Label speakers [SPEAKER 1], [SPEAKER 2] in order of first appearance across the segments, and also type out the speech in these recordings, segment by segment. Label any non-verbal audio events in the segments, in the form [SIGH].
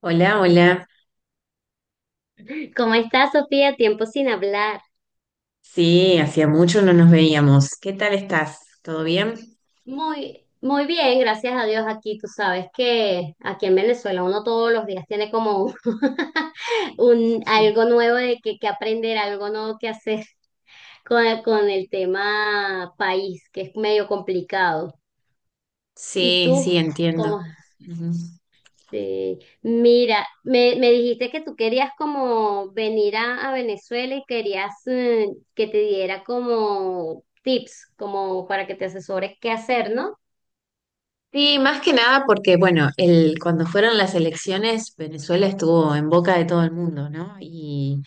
[SPEAKER 1] Hola, hola.
[SPEAKER 2] ¿Cómo estás, Sofía? Tiempo sin hablar.
[SPEAKER 1] Sí, hacía mucho no nos veíamos. ¿Qué tal estás? ¿Todo bien?
[SPEAKER 2] Muy, muy bien, gracias a Dios aquí. Tú sabes que aquí en Venezuela uno todos los días tiene como un, [LAUGHS] algo
[SPEAKER 1] [LAUGHS]
[SPEAKER 2] nuevo de que aprender, algo nuevo que hacer con el tema país, que es medio complicado. ¿Y
[SPEAKER 1] Sí,
[SPEAKER 2] tú?
[SPEAKER 1] sí, entiendo.
[SPEAKER 2] ¿Cómo?
[SPEAKER 1] Ujú.
[SPEAKER 2] Sí. Mira, me dijiste que tú querías como venir a Venezuela y querías que te diera como tips, como para que te asesores qué hacer, ¿no?
[SPEAKER 1] Sí, más que nada porque, bueno, cuando fueron las elecciones, Venezuela estuvo en boca de todo el mundo, ¿no? Y,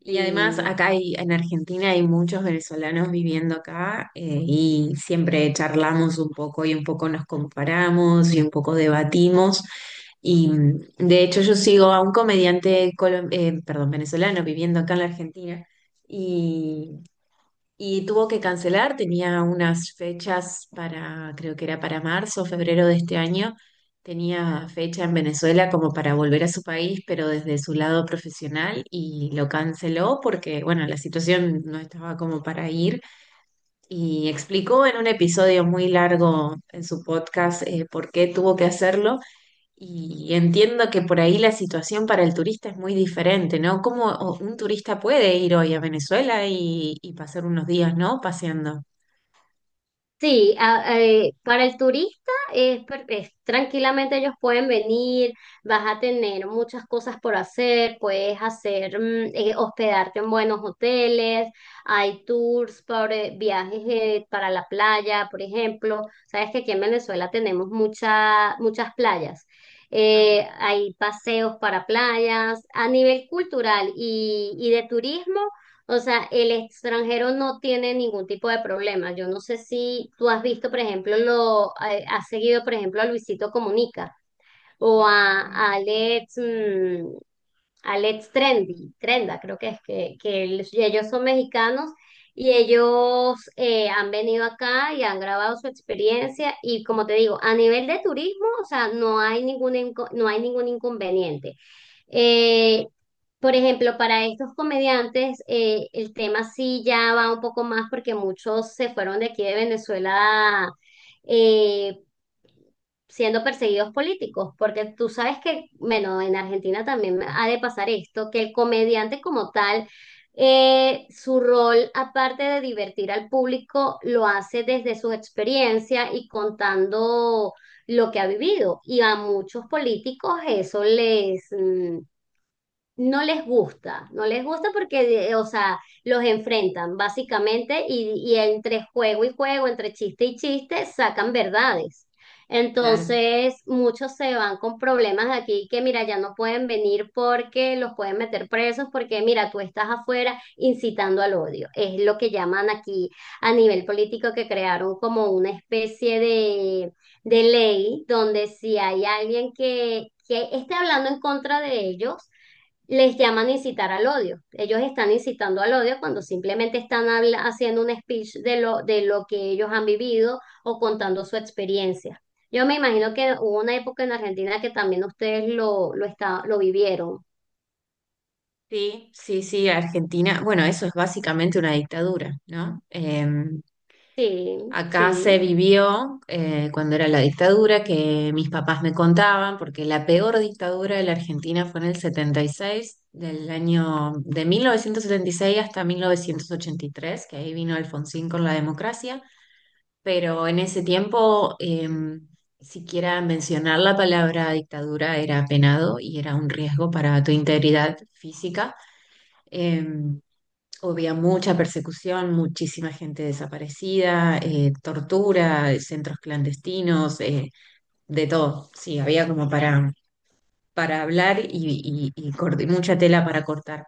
[SPEAKER 1] Y además
[SPEAKER 2] Sí,
[SPEAKER 1] en Argentina hay muchos venezolanos viviendo acá, y siempre charlamos un poco y un poco nos comparamos y un poco debatimos. Y de hecho yo sigo a un perdón, venezolano viviendo acá en la Argentina y y tuvo que cancelar, tenía unas fechas para, creo que era para marzo o febrero de este año, tenía fecha en Venezuela como para volver a su país, pero desde su lado profesional y lo canceló porque, bueno, la situación no estaba como para ir. Y explicó en un episodio muy largo en su podcast, por qué tuvo que hacerlo y entiendo que por ahí la situación para el turista es muy diferente, ¿no? ¿Cómo un turista puede ir hoy a Venezuela y pasar unos días, ¿no? Paseando.
[SPEAKER 2] sí, para el turista es, tranquilamente ellos pueden venir, vas a tener muchas cosas por hacer, puedes hacer, hospedarte en buenos hoteles, hay tours por viajes para la playa, por ejemplo. Sabes que aquí en Venezuela tenemos muchas playas.
[SPEAKER 1] Ajá.
[SPEAKER 2] Hay paseos para playas. A nivel cultural y de turismo, o sea, el extranjero no tiene ningún tipo de problema. Yo no sé si tú has visto, por ejemplo, lo has seguido, por ejemplo, a Luisito Comunica o a
[SPEAKER 1] Mm.
[SPEAKER 2] Alex, Alex Trendy, Trenda, creo que es que ellos son mexicanos y ellos han venido acá y han grabado su experiencia y como te digo, a nivel de turismo, o sea, no hay no hay ningún inconveniente. Eh, por ejemplo, para estos comediantes, el tema sí ya va un poco más porque muchos se fueron de aquí de Venezuela, eh, siendo perseguidos políticos, porque tú sabes que, bueno, en Argentina también ha de pasar esto, que el comediante como tal, su rol, aparte de divertir al público, lo hace desde su experiencia y contando lo que ha vivido. Y a muchos políticos eso no les gusta, no les gusta porque, o sea, los enfrentan básicamente y entre juego y juego, entre chiste y chiste, sacan verdades.
[SPEAKER 1] Claro.
[SPEAKER 2] Entonces, muchos se van con problemas de aquí que, mira, ya no pueden venir porque los pueden meter presos, porque, mira, tú estás afuera incitando al odio. Es lo que llaman aquí a nivel político, que crearon como una especie de ley, donde si hay alguien que esté hablando en contra de ellos, les llaman incitar al odio. Ellos están incitando al odio cuando simplemente están haciendo un speech de de lo que ellos han vivido o contando su experiencia. Yo me imagino que hubo una época en Argentina que también ustedes lo vivieron.
[SPEAKER 1] Sí, sí, sí, Argentina. Bueno, eso es básicamente una dictadura, ¿no?
[SPEAKER 2] Sí,
[SPEAKER 1] Acá se
[SPEAKER 2] sí,
[SPEAKER 1] vivió, cuando era la dictadura, que mis papás me contaban, porque la peor dictadura de la Argentina fue en el 76, del año de 1976 hasta 1983, que ahí vino Alfonsín con la democracia, pero en ese tiempo siquiera mencionar la palabra dictadura era penado y era un riesgo para tu integridad física. Eh, Había mucha persecución, muchísima gente desaparecida, tortura, centros clandestinos, de todo. Sí, había como para hablar y mucha tela para cortar.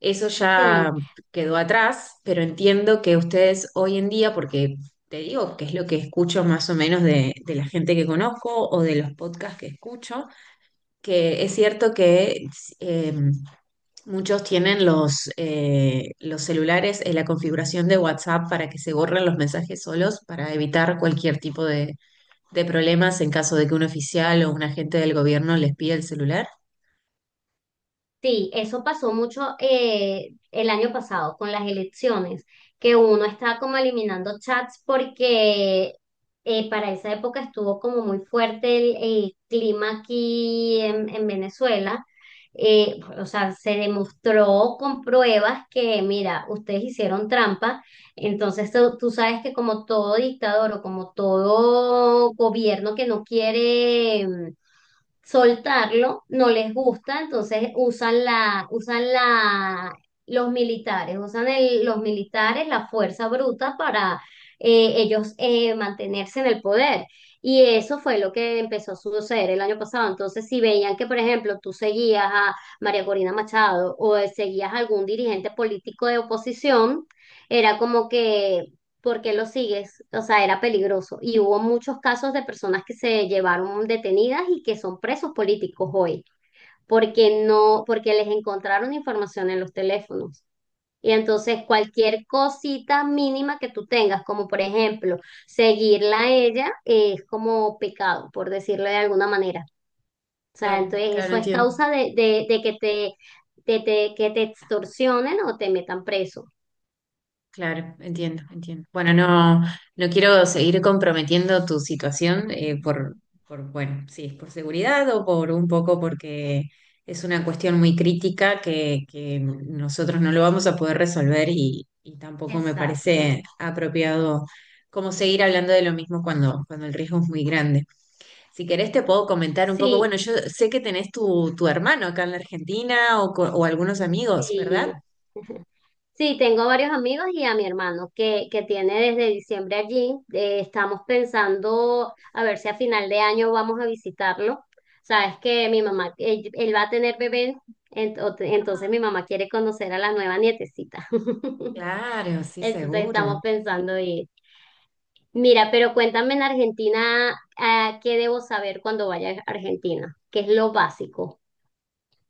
[SPEAKER 1] Eso ya
[SPEAKER 2] sí.
[SPEAKER 1] quedó atrás, pero entiendo que ustedes hoy en día, porque te digo que es lo que escucho más o menos de la gente que conozco o de los podcasts que escucho, que es cierto que eh, muchos tienen los celulares en la configuración de WhatsApp para que se borren los mensajes solos, para evitar cualquier tipo de problemas en caso de que un oficial o un agente del gobierno les pida el celular.
[SPEAKER 2] Sí, eso pasó mucho el año pasado con las elecciones, que uno estaba como eliminando chats porque para esa época estuvo como muy fuerte el clima aquí en Venezuela. O sea, se demostró con pruebas que, mira, ustedes hicieron trampa, entonces tú sabes que como todo dictador o como todo gobierno que no quiere, soltarlo, no les gusta, entonces los militares, usan los militares la fuerza bruta para ellos mantenerse en el poder. Y eso fue lo que empezó a suceder el año pasado. Entonces, si veían que, por ejemplo, tú seguías a María Corina Machado o seguías a algún dirigente político de oposición, era como que ¿porque lo sigues? O sea, era peligroso. Y hubo muchos casos de personas que se llevaron detenidas y que son presos políticos hoy, porque no, porque les encontraron información en los teléfonos. Y entonces cualquier cosita mínima que tú tengas, como por ejemplo seguirla a ella, es como pecado, por decirlo de alguna manera. O sea,
[SPEAKER 1] Claro,
[SPEAKER 2] entonces
[SPEAKER 1] claro,
[SPEAKER 2] eso es
[SPEAKER 1] entiendo.
[SPEAKER 2] causa de que te, de que te extorsionen o te metan preso.
[SPEAKER 1] Claro, entiendo, entiendo. Bueno, no, no quiero seguir comprometiendo tu situación,
[SPEAKER 2] [LAUGHS]
[SPEAKER 1] por, bueno, si es por seguridad o por un poco porque es una cuestión muy crítica que nosotros no lo vamos a poder resolver y tampoco me
[SPEAKER 2] Exacto.
[SPEAKER 1] parece apropiado como seguir hablando de lo mismo cuando, cuando el riesgo es muy grande. Si querés te puedo comentar un poco,
[SPEAKER 2] Sí.
[SPEAKER 1] bueno, yo sé que tenés tu, tu hermano acá en la Argentina o algunos amigos, ¿verdad?
[SPEAKER 2] Sí. [LAUGHS] Sí, tengo varios amigos y a mi hermano, que tiene desde diciembre allí. Estamos pensando a ver si a final de año vamos a visitarlo. Sabes que mi mamá, él va a tener bebé, entonces mi mamá quiere conocer a la nueva nietecita. [LAUGHS]
[SPEAKER 1] Claro, sí,
[SPEAKER 2] Entonces estamos
[SPEAKER 1] seguro.
[SPEAKER 2] pensando ir. Mira, pero cuéntame, en Argentina, ah, ¿qué debo saber cuando vaya a Argentina? ¿Qué es lo básico?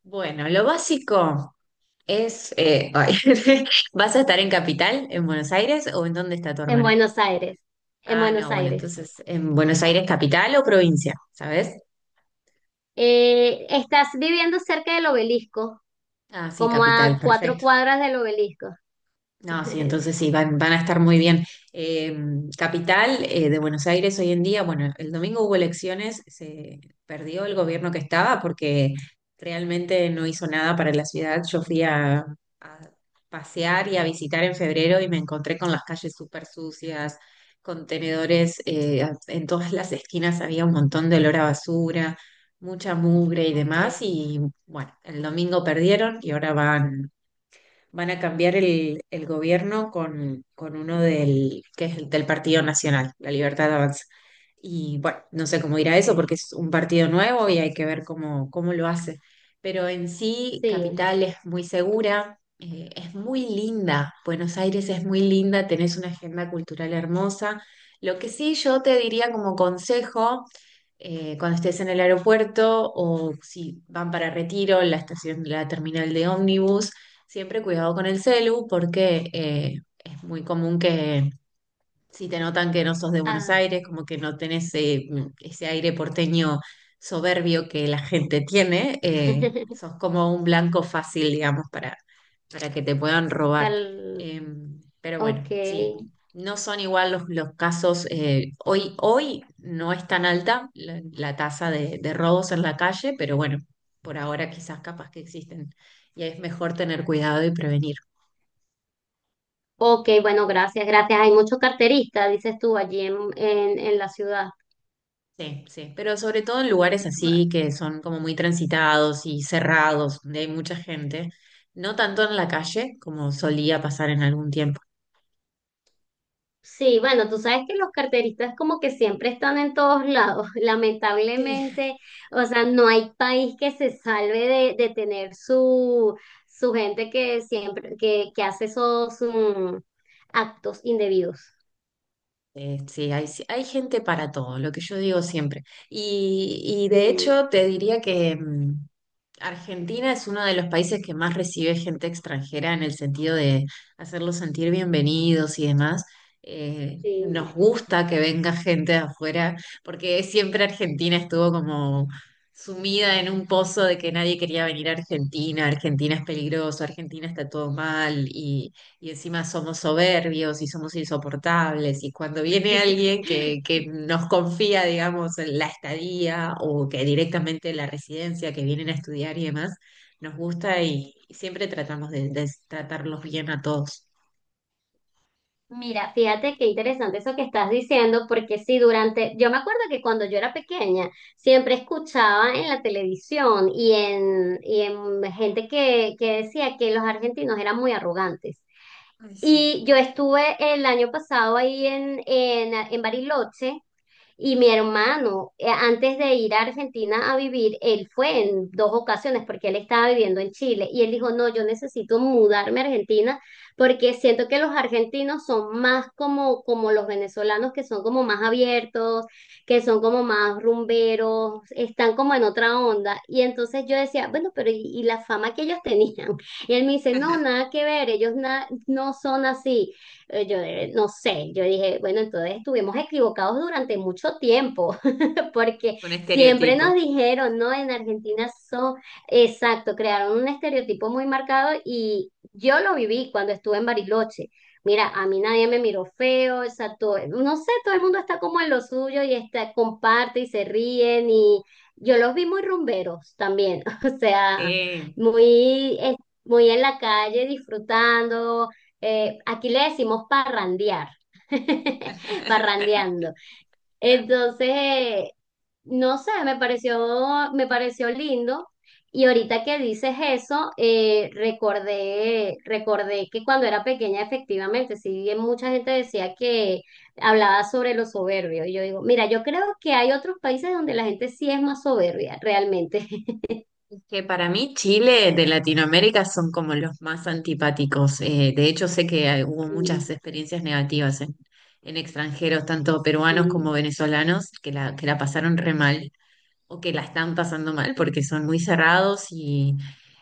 [SPEAKER 1] Bueno, lo básico es, ay, [LAUGHS] ¿vas a estar en Capital, en Buenos Aires o en dónde está tu
[SPEAKER 2] En
[SPEAKER 1] hermana?
[SPEAKER 2] Buenos Aires. En
[SPEAKER 1] Ah,
[SPEAKER 2] Buenos
[SPEAKER 1] no, bueno,
[SPEAKER 2] Aires.
[SPEAKER 1] entonces, ¿en Buenos Aires capital o provincia? ¿Sabes?
[SPEAKER 2] Estás viviendo cerca del obelisco,
[SPEAKER 1] Ah, sí,
[SPEAKER 2] como
[SPEAKER 1] capital,
[SPEAKER 2] a cuatro
[SPEAKER 1] perfecto.
[SPEAKER 2] cuadras del obelisco.
[SPEAKER 1] No, sí,
[SPEAKER 2] [LAUGHS]
[SPEAKER 1] entonces sí, van, van a estar muy bien. Eh, Capital, de Buenos Aires hoy en día, bueno, el domingo hubo elecciones, se perdió el gobierno que estaba porque realmente no hizo nada para la ciudad. Yo fui a pasear y a visitar en febrero y me encontré con las calles súper sucias, contenedores, en todas las esquinas había un montón de olor a basura, mucha mugre y
[SPEAKER 2] Ok,
[SPEAKER 1] demás. Y bueno, el domingo perdieron y ahora van a cambiar el gobierno con uno del, que es el del Partido Nacional, La Libertad Avanza. Y bueno, no sé cómo irá
[SPEAKER 2] ok.
[SPEAKER 1] eso porque es un partido nuevo y hay que ver cómo, cómo lo hace. Pero en sí,
[SPEAKER 2] Sí.
[SPEAKER 1] Capital es muy segura, es muy linda. Buenos Aires es muy linda, tenés una agenda cultural hermosa. Lo que sí yo te diría como consejo, cuando estés en el aeropuerto o si van para Retiro, la estación, la terminal de ómnibus, siempre cuidado con el celu, porque es muy común que si te notan que no sos de Buenos
[SPEAKER 2] Ah.
[SPEAKER 1] Aires, como que no tenés ese aire porteño soberbio que la gente tiene,
[SPEAKER 2] [LAUGHS]
[SPEAKER 1] sos como un blanco fácil, digamos, para que te puedan robar.
[SPEAKER 2] Pal-.
[SPEAKER 1] Eh, pero
[SPEAKER 2] Ok.
[SPEAKER 1] bueno, sí, no son igual los casos. Hoy, hoy no es tan alta la, la tasa de robos en la calle, pero bueno, por ahora quizás capaz que existen y es mejor tener cuidado y prevenir.
[SPEAKER 2] Ok, bueno, gracias, gracias. Hay muchos carteristas, dices tú, allí en la ciudad.
[SPEAKER 1] Sí, sí, pero sobre todo en lugares así que son como muy transitados y cerrados, donde hay mucha gente, no tanto en la calle como solía pasar en algún tiempo.
[SPEAKER 2] Sí, bueno, tú sabes que los carteristas como que siempre están en todos lados, [LAUGHS]
[SPEAKER 1] Sí.
[SPEAKER 2] lamentablemente, o sea, no hay país que se salve de tener su gente que siempre, que hace esos actos indebidos.
[SPEAKER 1] Sí, hay, sí, hay gente para todo, lo que yo digo siempre. Y de
[SPEAKER 2] Sí,
[SPEAKER 1] hecho te diría que, Argentina es uno de los países que más recibe gente extranjera, en el sentido de hacerlos sentir bienvenidos y demás. Nos
[SPEAKER 2] sí.
[SPEAKER 1] gusta que venga gente de afuera, porque siempre Argentina estuvo como sumida en un pozo de que nadie quería venir a Argentina, Argentina es peligroso, Argentina está todo mal y encima somos soberbios y somos insoportables. Y cuando viene alguien que
[SPEAKER 2] [LAUGHS]
[SPEAKER 1] nos confía, digamos, en la estadía o que directamente la residencia, que vienen a estudiar y demás, nos gusta y siempre tratamos de tratarlos bien a todos.
[SPEAKER 2] Mira, fíjate qué interesante eso que estás diciendo, porque sí, durante, yo me acuerdo que cuando yo era pequeña, siempre escuchaba en la televisión y en gente que decía que los argentinos eran muy arrogantes.
[SPEAKER 1] Ay, sí.
[SPEAKER 2] Y yo estuve el año pasado ahí en Bariloche y mi hermano, antes de ir a Argentina a vivir, él fue en dos ocasiones porque él estaba viviendo en Chile y él dijo, no, yo necesito mudarme a Argentina porque siento que los argentinos son más como, como los venezolanos, que son como más abiertos, que son como más rumberos, están como en otra onda. Y entonces yo decía, bueno, pero y la fama que ellos tenían? [LAUGHS] Y él me dice, no,
[SPEAKER 1] [LAUGHS]
[SPEAKER 2] nada que ver, ellos no son así. Yo no sé, yo dije, bueno, entonces estuvimos equivocados durante mucho tiempo. [LAUGHS] porque
[SPEAKER 1] Un
[SPEAKER 2] siempre
[SPEAKER 1] estereotipo.
[SPEAKER 2] nos dijeron, ¿no? En Argentina son, exacto, crearon un estereotipo muy marcado y yo lo viví cuando estuve en Bariloche. Mira, a mí nadie me miró feo, o sea, no sé, todo el mundo está como en lo suyo y está, comparte y se ríen y yo los vi muy rumberos también, [LAUGHS] o sea,
[SPEAKER 1] Sí.
[SPEAKER 2] muy, muy en la calle disfrutando. Aquí le decimos parrandear, [LAUGHS]
[SPEAKER 1] [LAUGHS]
[SPEAKER 2] parrandeando. Entonces, no sé, me pareció lindo. Y ahorita que dices eso, recordé que cuando era pequeña, efectivamente, sí bien mucha gente decía que hablaba sobre los soberbios, y yo digo, mira, yo creo que hay otros países donde la gente sí es más soberbia, realmente. [LAUGHS]
[SPEAKER 1] Que para mí Chile de Latinoamérica son como los más antipáticos. De hecho, sé que hubo muchas experiencias negativas en extranjeros, tanto peruanos
[SPEAKER 2] Sí.
[SPEAKER 1] como venezolanos, que la pasaron re mal o que la están pasando mal porque son muy cerrados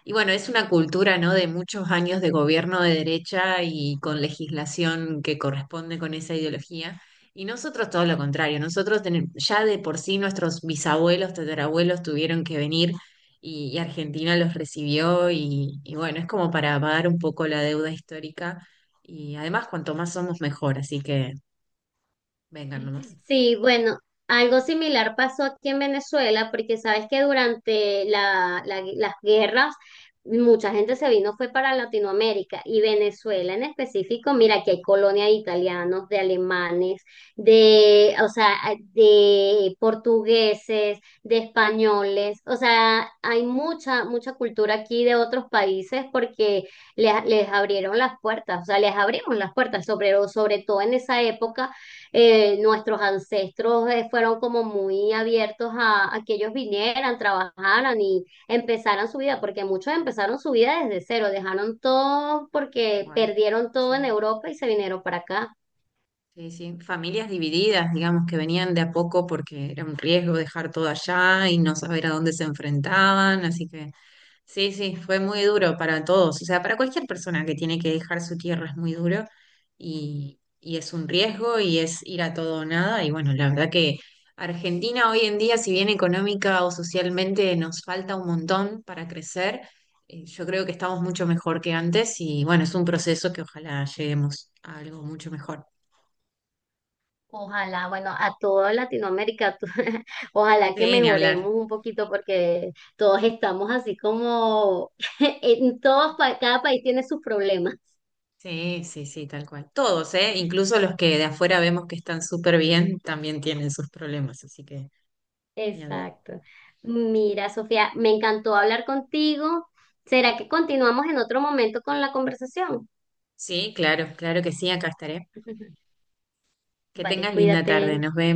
[SPEAKER 1] y bueno, es una cultura, ¿no?, de muchos años de gobierno de derecha y con legislación que corresponde con esa ideología. Y nosotros todo lo contrario, nosotros ya de por sí nuestros bisabuelos, tatarabuelos tuvieron que venir y Argentina los recibió y bueno, es como para pagar un poco la deuda histórica y además cuanto más somos mejor, así que vengan nomás.
[SPEAKER 2] Sí, bueno, algo similar pasó aquí en Venezuela, porque sabes que durante las guerras mucha gente se vino, fue para Latinoamérica y Venezuela en específico, mira, aquí hay colonia de italianos, de alemanes, o sea, de portugueses, de españoles, o sea, hay mucha, mucha cultura aquí de otros países porque les abrieron las puertas, o sea, les abrimos las puertas, sobre todo en esa época, nuestros ancestros fueron como muy abiertos a que ellos vinieran, trabajaran y empezaran su vida, porque muchos empezaron su vida desde cero, dejaron todo porque
[SPEAKER 1] Igual,
[SPEAKER 2] perdieron todo
[SPEAKER 1] sí.
[SPEAKER 2] en Europa y se vinieron para acá.
[SPEAKER 1] Sí, sí, familias divididas, digamos, que venían de a poco porque era un riesgo dejar todo allá y no saber a dónde se enfrentaban, así que sí, sí, fue muy duro para todos, o sea, para cualquier persona que tiene que dejar su tierra es muy duro y es un riesgo y es ir a todo o nada y bueno, la verdad que Argentina hoy en día, si bien económica o socialmente nos falta un montón para crecer, yo creo que estamos mucho mejor que antes y bueno, es un proceso que ojalá lleguemos a algo mucho mejor.
[SPEAKER 2] Ojalá, bueno, a toda Latinoamérica, [LAUGHS] ojalá que
[SPEAKER 1] Sí, ni
[SPEAKER 2] mejoremos
[SPEAKER 1] hablar.
[SPEAKER 2] un poquito porque todos estamos así como [LAUGHS] en todos, cada país tiene sus problemas.
[SPEAKER 1] Sí, sí, sí, tal cual. Todos, ¿eh? Incluso los que de afuera vemos que están súper bien, también tienen sus problemas, así que ni hablar.
[SPEAKER 2] Exacto. Mira, Sofía, me encantó hablar contigo. ¿Será que continuamos en otro momento con la conversación?
[SPEAKER 1] Sí, claro, claro que sí, acá estaré.
[SPEAKER 2] [LAUGHS]
[SPEAKER 1] Que
[SPEAKER 2] Vale,
[SPEAKER 1] tengas linda tarde,
[SPEAKER 2] cuídate.
[SPEAKER 1] nos vemos.